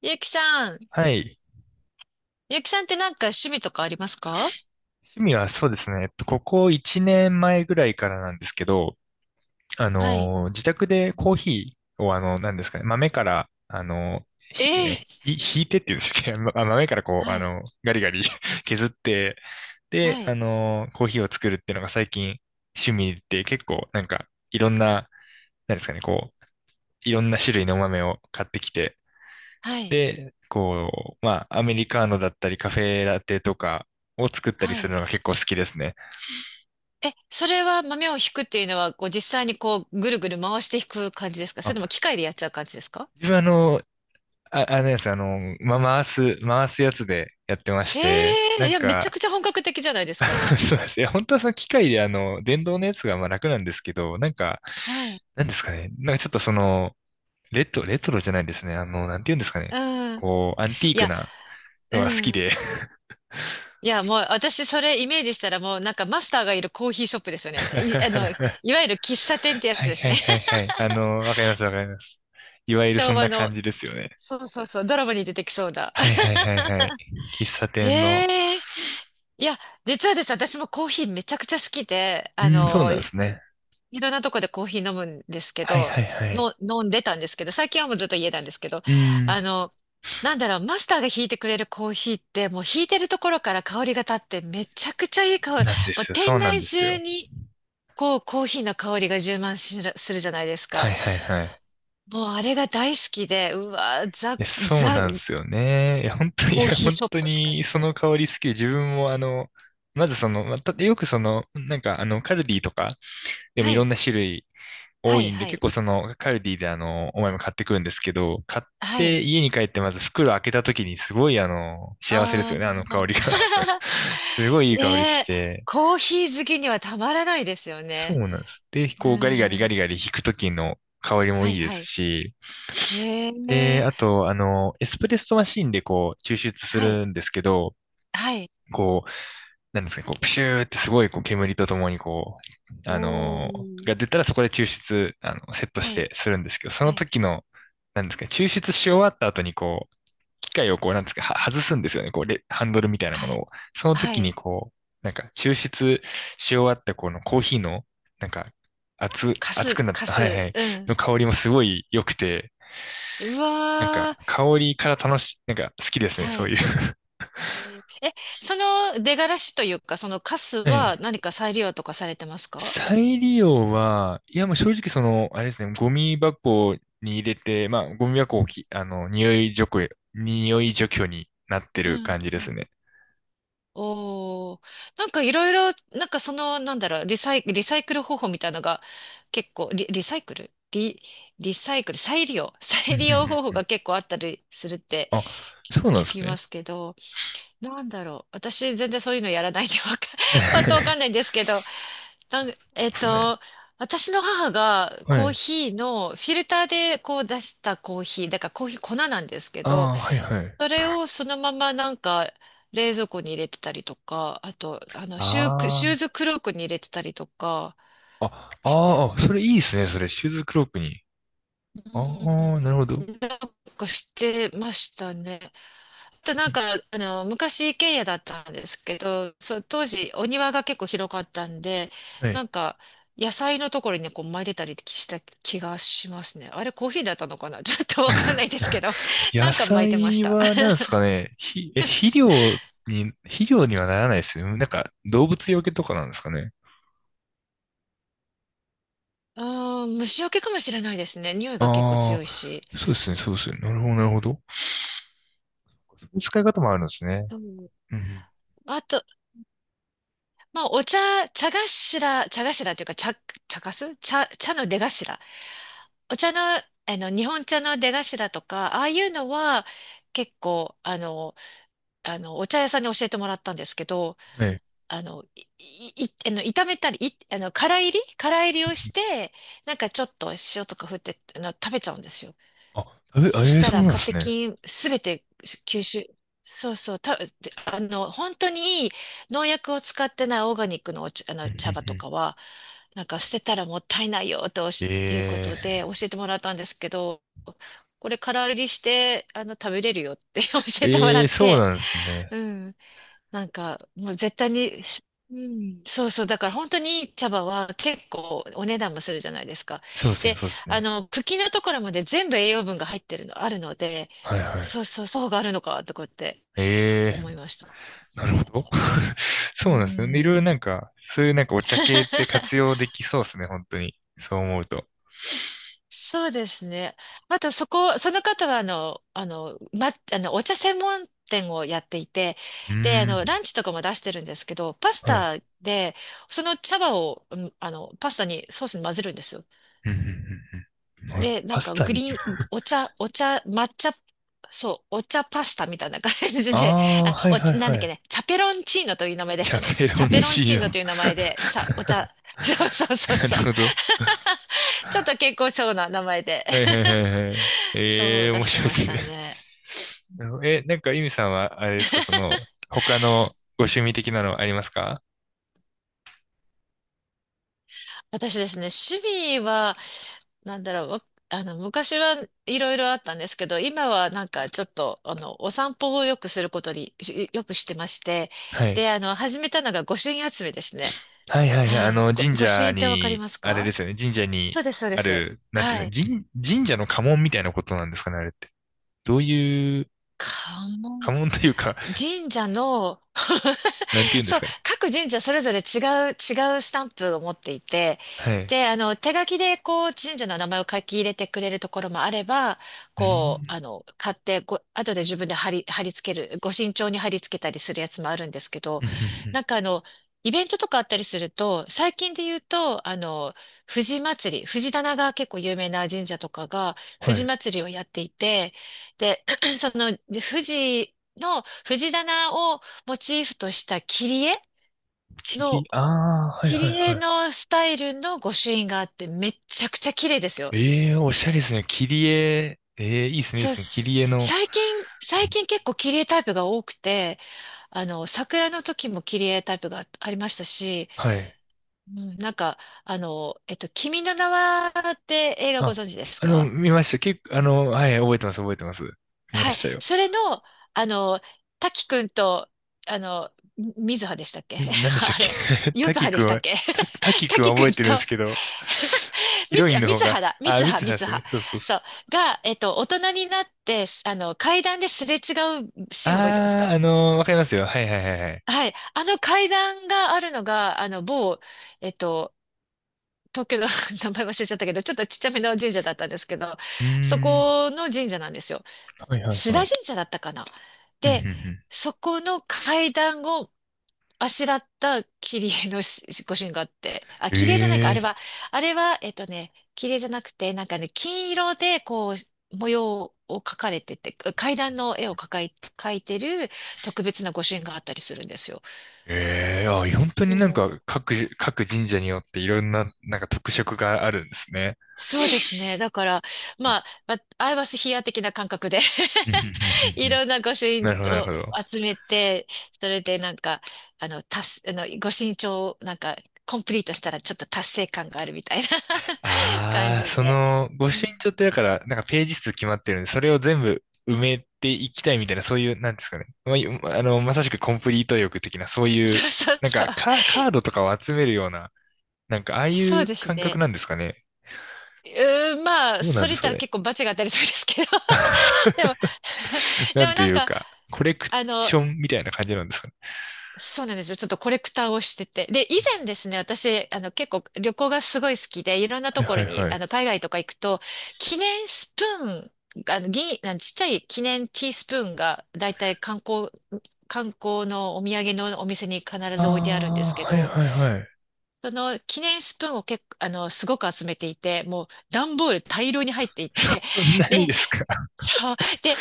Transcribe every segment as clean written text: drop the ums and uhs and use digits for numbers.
ゆうきさん。はい。ゆうきさんってなんか趣味とかありますか？趣味はそうですね。ここ1年前ぐらいからなんですけど、はい。自宅でコーヒーを、なんですかね、豆から、あの、えひ、え。えーひいてっていうんでしたっけ？ まあ豆からこう、はい、ガリガリ 削って、で、はい、コーヒーを作るっていうのが最近趣味で、結構なんか、いろんな、なんですかね、こう、いろんな種類のお豆を買ってきて、はい、こう、まあ、アメリカーノだったり、カフェラテとかを作ったりはするい。のが結構好きですね。え、それは豆を引くっていうのは、こう実際にこうぐるぐる回して引く感じですか？それともあ、機械でやっちゃう感じですか？自分あ、あのやつ、あの、ま、回す、回すやつでやってまえして、なえ、いんや、めちゃか、くちゃ本格的じゃないですか。そうですね。本当はその機械で電動のやつがまあ楽なんですけど、はい。なんかちょっとその、レトロじゃないですね、なんて言うんですかね、うん。こう、アンティーいクや、なのうが好きん。で。いや、もう私それイメージしたらもうなんかマスターがいるコーヒーショップですよね。い、あの、いはわゆる喫茶い店ってやつはいですね。はいはい。わかりますわかります。いわゆるそ昭ん和なの。感じですよね。そうそうそう、ドラマに出てきそうだ。はいはいはい はい。喫茶え店の。え、いや、実はですね、私もコーヒーめちゃくちゃ好きで、うん、そうなんですね。いろんなとこでコーヒー飲むんですけはいはど、いはい。の、飲んでたんですけど、最近はもうずっと家なんですけど、うあん。の、なんだろう、マスターが引いてくれるコーヒーって、もう引いてるところから香りが立って、めちゃくちゃいいそう香り、なんでもうすよ、そ店うなん内です中よ。に、こう、コーヒーの香りが充満しるするじゃないですはか。いはいはい。もうあれが大好きで、うわー、ザ、いや、そうザ、なんですよね。いや、本当に、いコーや、ヒーシ本ョッ当プって感じに、でそすよのね。香り好きで、自分も、あの、まずその、また、よくその、なんか、あの、カルディとか、でもはいろい、んな種類は多い、いんで、は結い、構その、カルディで、お前も買ってくるんですけど、買っはてい。家に帰って、まず袋開けた時に、すごい、幸せですあよね、あのー。香りが。すごいいい香りねしえ、て、コーヒー好きにはたまらないですよそね。うなんです。で、うこう、ガリガリガん。リガリ弾く時の香りもはいいいですはい。し、えで、え、あと、エスプレッソマシーンでこう、抽出すはい、るんですけど、はい。こう、なんですかね、こう、プシューってすごいこう煙とともにう、あおのー。が出たらそこで抽出、セットはしい、てするんですけど、そのはい、時の、なんですかね、抽出し終わった後にこう、機械をこう、なんですかね、は外すんですよね、こう、ハンドルみたいなもはのい、を。そのは時にい。こう、抽出し終わったこのコーヒーの、なんか、か熱くす、なっかた、はいはす、い、うん。の香りもすごい良くて、うなんか、わ香りから楽し、なんか、好きですー。ね、はそういう。い。ねえー、その出がらしというか、そのカスはええ。何か再利用とかされてますか？再利用は、いや、もう正直その、あれですね、ゴミ箱に入れて、まあ、ゴミ箱をき、あの、匂い除去、匂い除去になってうるん。感じですね。おー、なんかいろいろ、なんかその、なんだろう、リサイクル方法みたいなのが結構、リ、リサイクルリ、リサイクル、再利用、う再んう利用ん方法うん。が結構あったりするってあ、そうなん聞ですきまね。すけど、なんだろう、私全然そういうのやらないんでわか、パッとわかんないん ですけど、なん、そうなえんっですね。と、私の母がはコーい。ヒーのフィルターでこう出したコーヒー、だからコーヒー粉なんですけあど、あ、はいはい。それをそのままなんか冷蔵庫に入れてたりとか、あと、あの、ああ、シューズクロークに入れてたりとかああして、あー、それいいですね、それ。シューズクロークに。ああ、なるほうど。ん、なんかしてましたね。あとなうんん。か、昔一軒家だったんですけど、そう、当時お庭が結構広かったんで、はい。なんか、野菜のところにこう巻いてたりした気がしますね。あれコーヒーだったのかな？ ちょっとわかんないですけ ど、な野んか巻いてまし菜た。は何ですかね、ひ、え、肥料に、肥料にはならないですよ。なんか動物よけとかなんですかね。あー、虫除けかもしれないですね。匂いが結構あ強いし。あ、そうですね、そうですね。なるほど、なるほど。そういう使い方もあるんですね。そう。うん。あと、まあ、お茶、茶頭っていうか、茶の出頭。お茶の、あの、日本茶の出頭とか、ああいうのは、結構、お茶屋さんに教えてもらったんですけど、はい。あの、い、い、いあの、炒めたり、い、あの、空炒りをして、なんかちょっと塩とか振って、あの、食べちゃうんですよ。あ、そえしえー、たそうらなんでカすテね。キンすべて吸収。そうそう、で、本当にいい農薬を使ってないオーガニックのお茶、あうのんう茶葉んうとん。かは、なんか捨てたらもったいないよとしっていうこえとで教えてもらったんですけど、これから入りして、あの、食べれるよって 教ええ、てもらえっえ、そうて、なんですね。うん。なんか、もう絶対に、うん、そうそう。だから本当にいい茶葉は結構お値段もするじゃないですか。そうですね、で、そうですね。茎のところまで全部栄養分が入ってるの、あるので、はいはい。そうそう、そうがあるのか、とかってええ、思いました。なるほど。うそうなんですね。いろいろん。なんか、そういうなんかお茶系って活 用できそうですね、本当に。そう思うと。そうですね。あと、そこ、その方は、あの、あの、ま、あの、お茶専門店をやっていて、うーで、ん。ランチとかも出してるんですけど、パスはい。タで、その茶葉を、うん、パスタに、ソースに混ぜるんですよ。うんうんうん。うん。なる、で、なパんスか、タグに。リーン、お茶、抹茶、そう、お茶パスタみたいな感じあで、あ、あ、はいおはい茶、なんはだっけい。ね、チャペロンチーノという名前でしじゃたね。あ、ペチロンャペロンチチーーノノ。という名前で、茶、お茶、そう そうそうなそるう。ほど。ちょっと健康そうな名前で。はいはいはいはい。そえう、えー、出面して白いでましすたね。ね。え、なんか、ゆみさんは、あれですか、その、他のご趣味的なのありますか？私ですね、趣味は、なんだろう、わあの、昔はいろいろあったんですけど、今はなんかちょっと、あの、お散歩をよくすることに、よくしてまして、はい。で、あの、始めたのが御朱印集めですね。はいはいはい。はい。神御朱社印ってわかりに、ますあれでか？すよね。神社そにうです、そうであす。る、なんていはうんい。ですか、神社の家紋みたいなことなんですかね、あれって。どういう、関門、家紋というか、神社の なんていう んでそすう、かね。各神社それぞれ違うスタンプを持っていて、はい。で、あの、手書きで、こう、神社の名前を書き入れてくれるところもあれば、うこう、ん。あの、買って、ご、後で自分で貼り付ける、ご身長に貼り付けたりするやつもあるんですけど、うんうんうん。なんかあの、イベントとかあったりすると、最近で言うと、あの、藤祭り、藤棚が結構有名な神社とかが、は藤い。祭りをやっていて、で、その、藤藤棚モチーフとした切り、の、ああ、はい切はいり絵はのスタイルの御朱印があってめっちゃくちゃ綺麗ですよ。い。ええ、おしゃれですね。切り絵、ええ、いいですね、いいそうでっすね。切す。り絵の、最近、う最ん、近結構切り絵タイプが多くて、あの、桜の時も切り絵タイプがありましたし、はい。うん、なんか、君の名はって映画ごあ、存知ですか？見ました。結構、あの、はい、覚えてます、覚えてます。見まはい。したよ。それの、あの、滝くんと、あの、み水葉でしたっけ？ み、何で したっあれ、け？ 四滝葉でくんしたっは、け？ 滝くんは滝く覚えんてるんでとすけど、ヒロインあ、のみ方つはが、だ。みあ、つ見は、てたみんでつすは。ね。そうそうそそう。う。が、大人になって、あの、階段ですれ違うシーン覚えてますあか？ー、あのーわかりますよ。はいはいはいはい。はい。あの階段があるのが、あの、某、えっと、東京の 名前忘れちゃったけど、ちょっとちっちゃめの神社だったんですけど、うーそん。この神社なんですよ。はいはい須は田い。神社だったかな。うんうんで、うん。そこの階段をあしらった切り絵のご朱印があって、あ、切り絵じゃないか、あれえは、あれは、えっとね、切り絵じゃなくて、なんかね、金色で、こう、模様を描かれてて、階段の絵を描いてる特別なご朱印があったりするんですよ。ー、えー、あ、本当そになんかう各、各神社によっていろんな、なんか特色があるんですね。そうですね。だから、うまんあ、アイバスヒア的な感覚で うんうんうん ういんうん。ろんな御朱印なるほどなるをほど。集めて、それでなんか、あの、達す、あの、御朱印帳をなんか、コンプリートしたらちょっと達成感があるみたいな 感じああ、そで。の、御う朱印ん、帳ってだから、なんかページ数決まってるんで、それを全部埋めていきたいみたいな、そういう、なんですかね。まあ、よあの、まさしくコンプリート欲的な、そういう、そうそうそう。カードとかを集めるような、なんか、ああいそううです感覚ね。なんですかね。うーん、まあ、どうなそんれで言っすかたらね。結構バチが当たりそうですけど。でも、なでんもとないんうか、か、コレクあの、ションみたいな感じなんですかね。そうなんですよ。ちょっとコレクターをしてて。で、以う前ですね、私、結構旅行がすごい好きで、いろんなん、とこはろいはに、いはい。海外とか行くと、記念スプーン、あの、銀、あのちっちゃい記念ティースプーンが、だいたい観光のお土産のお店に必あず置いてあるんですけあ、はいど、はいはい。その記念スプーンを結構、すごく集めていて、もう段ボール大量に入っていて、そ んなにで、ですか。そう。で、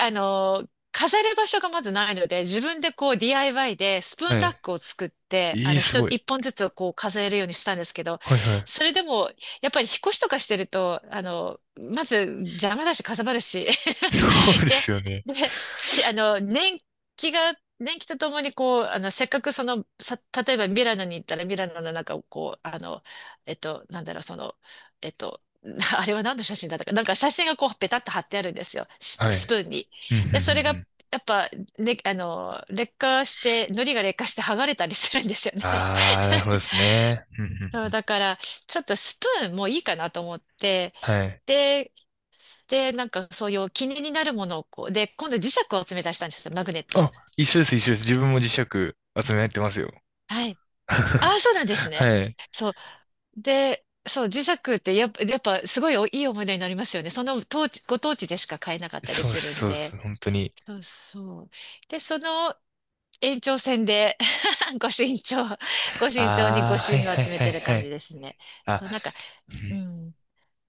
あの、飾る場所がまずないので、自分でこう DIY でスプーはンラッい。クを作って、ええ、す一ごい。一本ずつをこう飾れるようにしたんですけど、はいはい。それでも、やっぱり引っ越しとかしてると、まず邪魔だし、かさばるし、そうでで、すよね。で、年季とともにこう、せっかく例えばミラノに行ったらミラノの中をこう、なんだろう、えっと、あれは何の写真だったか、なんか写真がこう、ペタッと貼ってあるんですよ、はスい。プーンに。うんうんうんうで、それが、ん。やっぱ、ね、あの、劣化して、糊が劣化して剥がれたりするんですよね。ああ、なるほどですね。うんうんそうう、ん。だから、ちょっとスプーンもういいかなと思って、はい。で、で、なんかそういう気になるものをこう、で、今度磁石を詰め出したんですよ、マグネット。あ、一緒です、一緒です。自分も磁石集めやってますよ。はい。ああ、そうなんですね。はい。そう。で、そう、磁石ってやっぱすごいおいい思い出になりますよね。その当地、ご当地でしか買えなかったりそうっするんす、そうっす。で。本当に。そうそう。で、その延長線で ご身長、ご身長にごああ、朱はい印をは集いめはてるいは感じい。ですね。あ、そう、なんか、ううん、ん。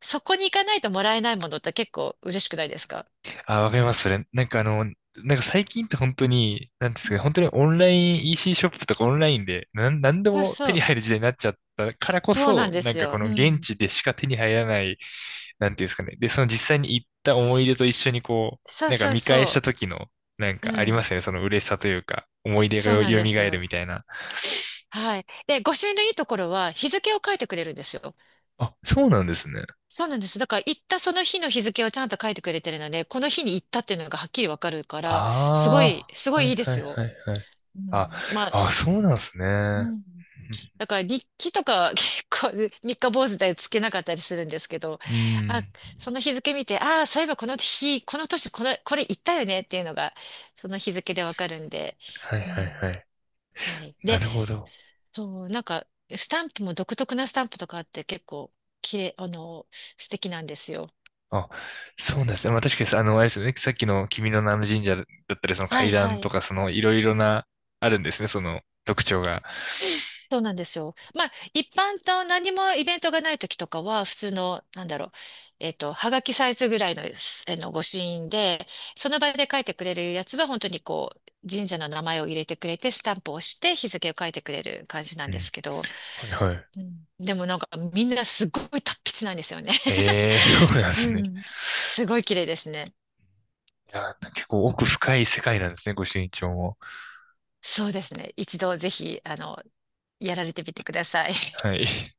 そこに行かないともらえないものって結構嬉しくないですか？あ、わかります、それ。なんかあの、なんか最近って本当に、なんでうすかね、ん、本当にオンライン EC シーショップとかオンラインで、なんでそうもそ手にう。入る時代になっちゃったからこそうなそ、んでなんすかこよ。のう現ん。地でしか手に入らないなんていうんですかね。で、その実際に行った思い出と一緒にこう、そうなんかそう見返しそた時の、なんう。うかありまん。すよね。その嬉しさというか、思い出がそうなんよです蘇るよ。みたいな。はい。で、御朱印のいいところは、日付を書いてくれるんですよ。あ、そうなんですね。そうなんです。だから、行ったその日の日付をちゃんと書いてくれてるので、この日に行ったっていうのがはっきりわかるから、あすあ、ごはいいいいではいすよ。はいはい。うあ、ん。まあ、あ、そうなんですね。ううん。だから、日記とか、結構、三日坊主でつけなかったりするんですけど、ん、うあ、ん、その日付見て、ああ、そういえばこの日、この年、これ行ったよねっていうのが、その日付でわかるんで、はいうはいはん。い。はい。なで、るほど。そう、なんか、スタンプも独特なスタンプとかあって結構、きれい、素敵なんですよ。あ、そうなんですね。まあ確かに、あの、あれですよね。さっきの君の名の神社だったり、そのは階いは段とい。か、そのいろいろな、あるんですね。その特徴が。そうなんですよ。まあ、一般と何もイベントがない時とかは、普通の、なんだろう、えっと、はがきサイズぐらいの、あの、御朱印で、その場で書いてくれるやつは、本当にこう、神社の名前を入れてくれて、スタンプを押して、日付を書いてくれる感じなうんでん。すけど、はいはい。うん、でもなんか、みんなすごい達筆なんですよね。ええ、そうなん ですうね。ん。すごい綺麗ですね。いや、結構奥深い世界なんですね、ご朱印帳も。そうですね。一度ぜひ、やられてみてください。はい。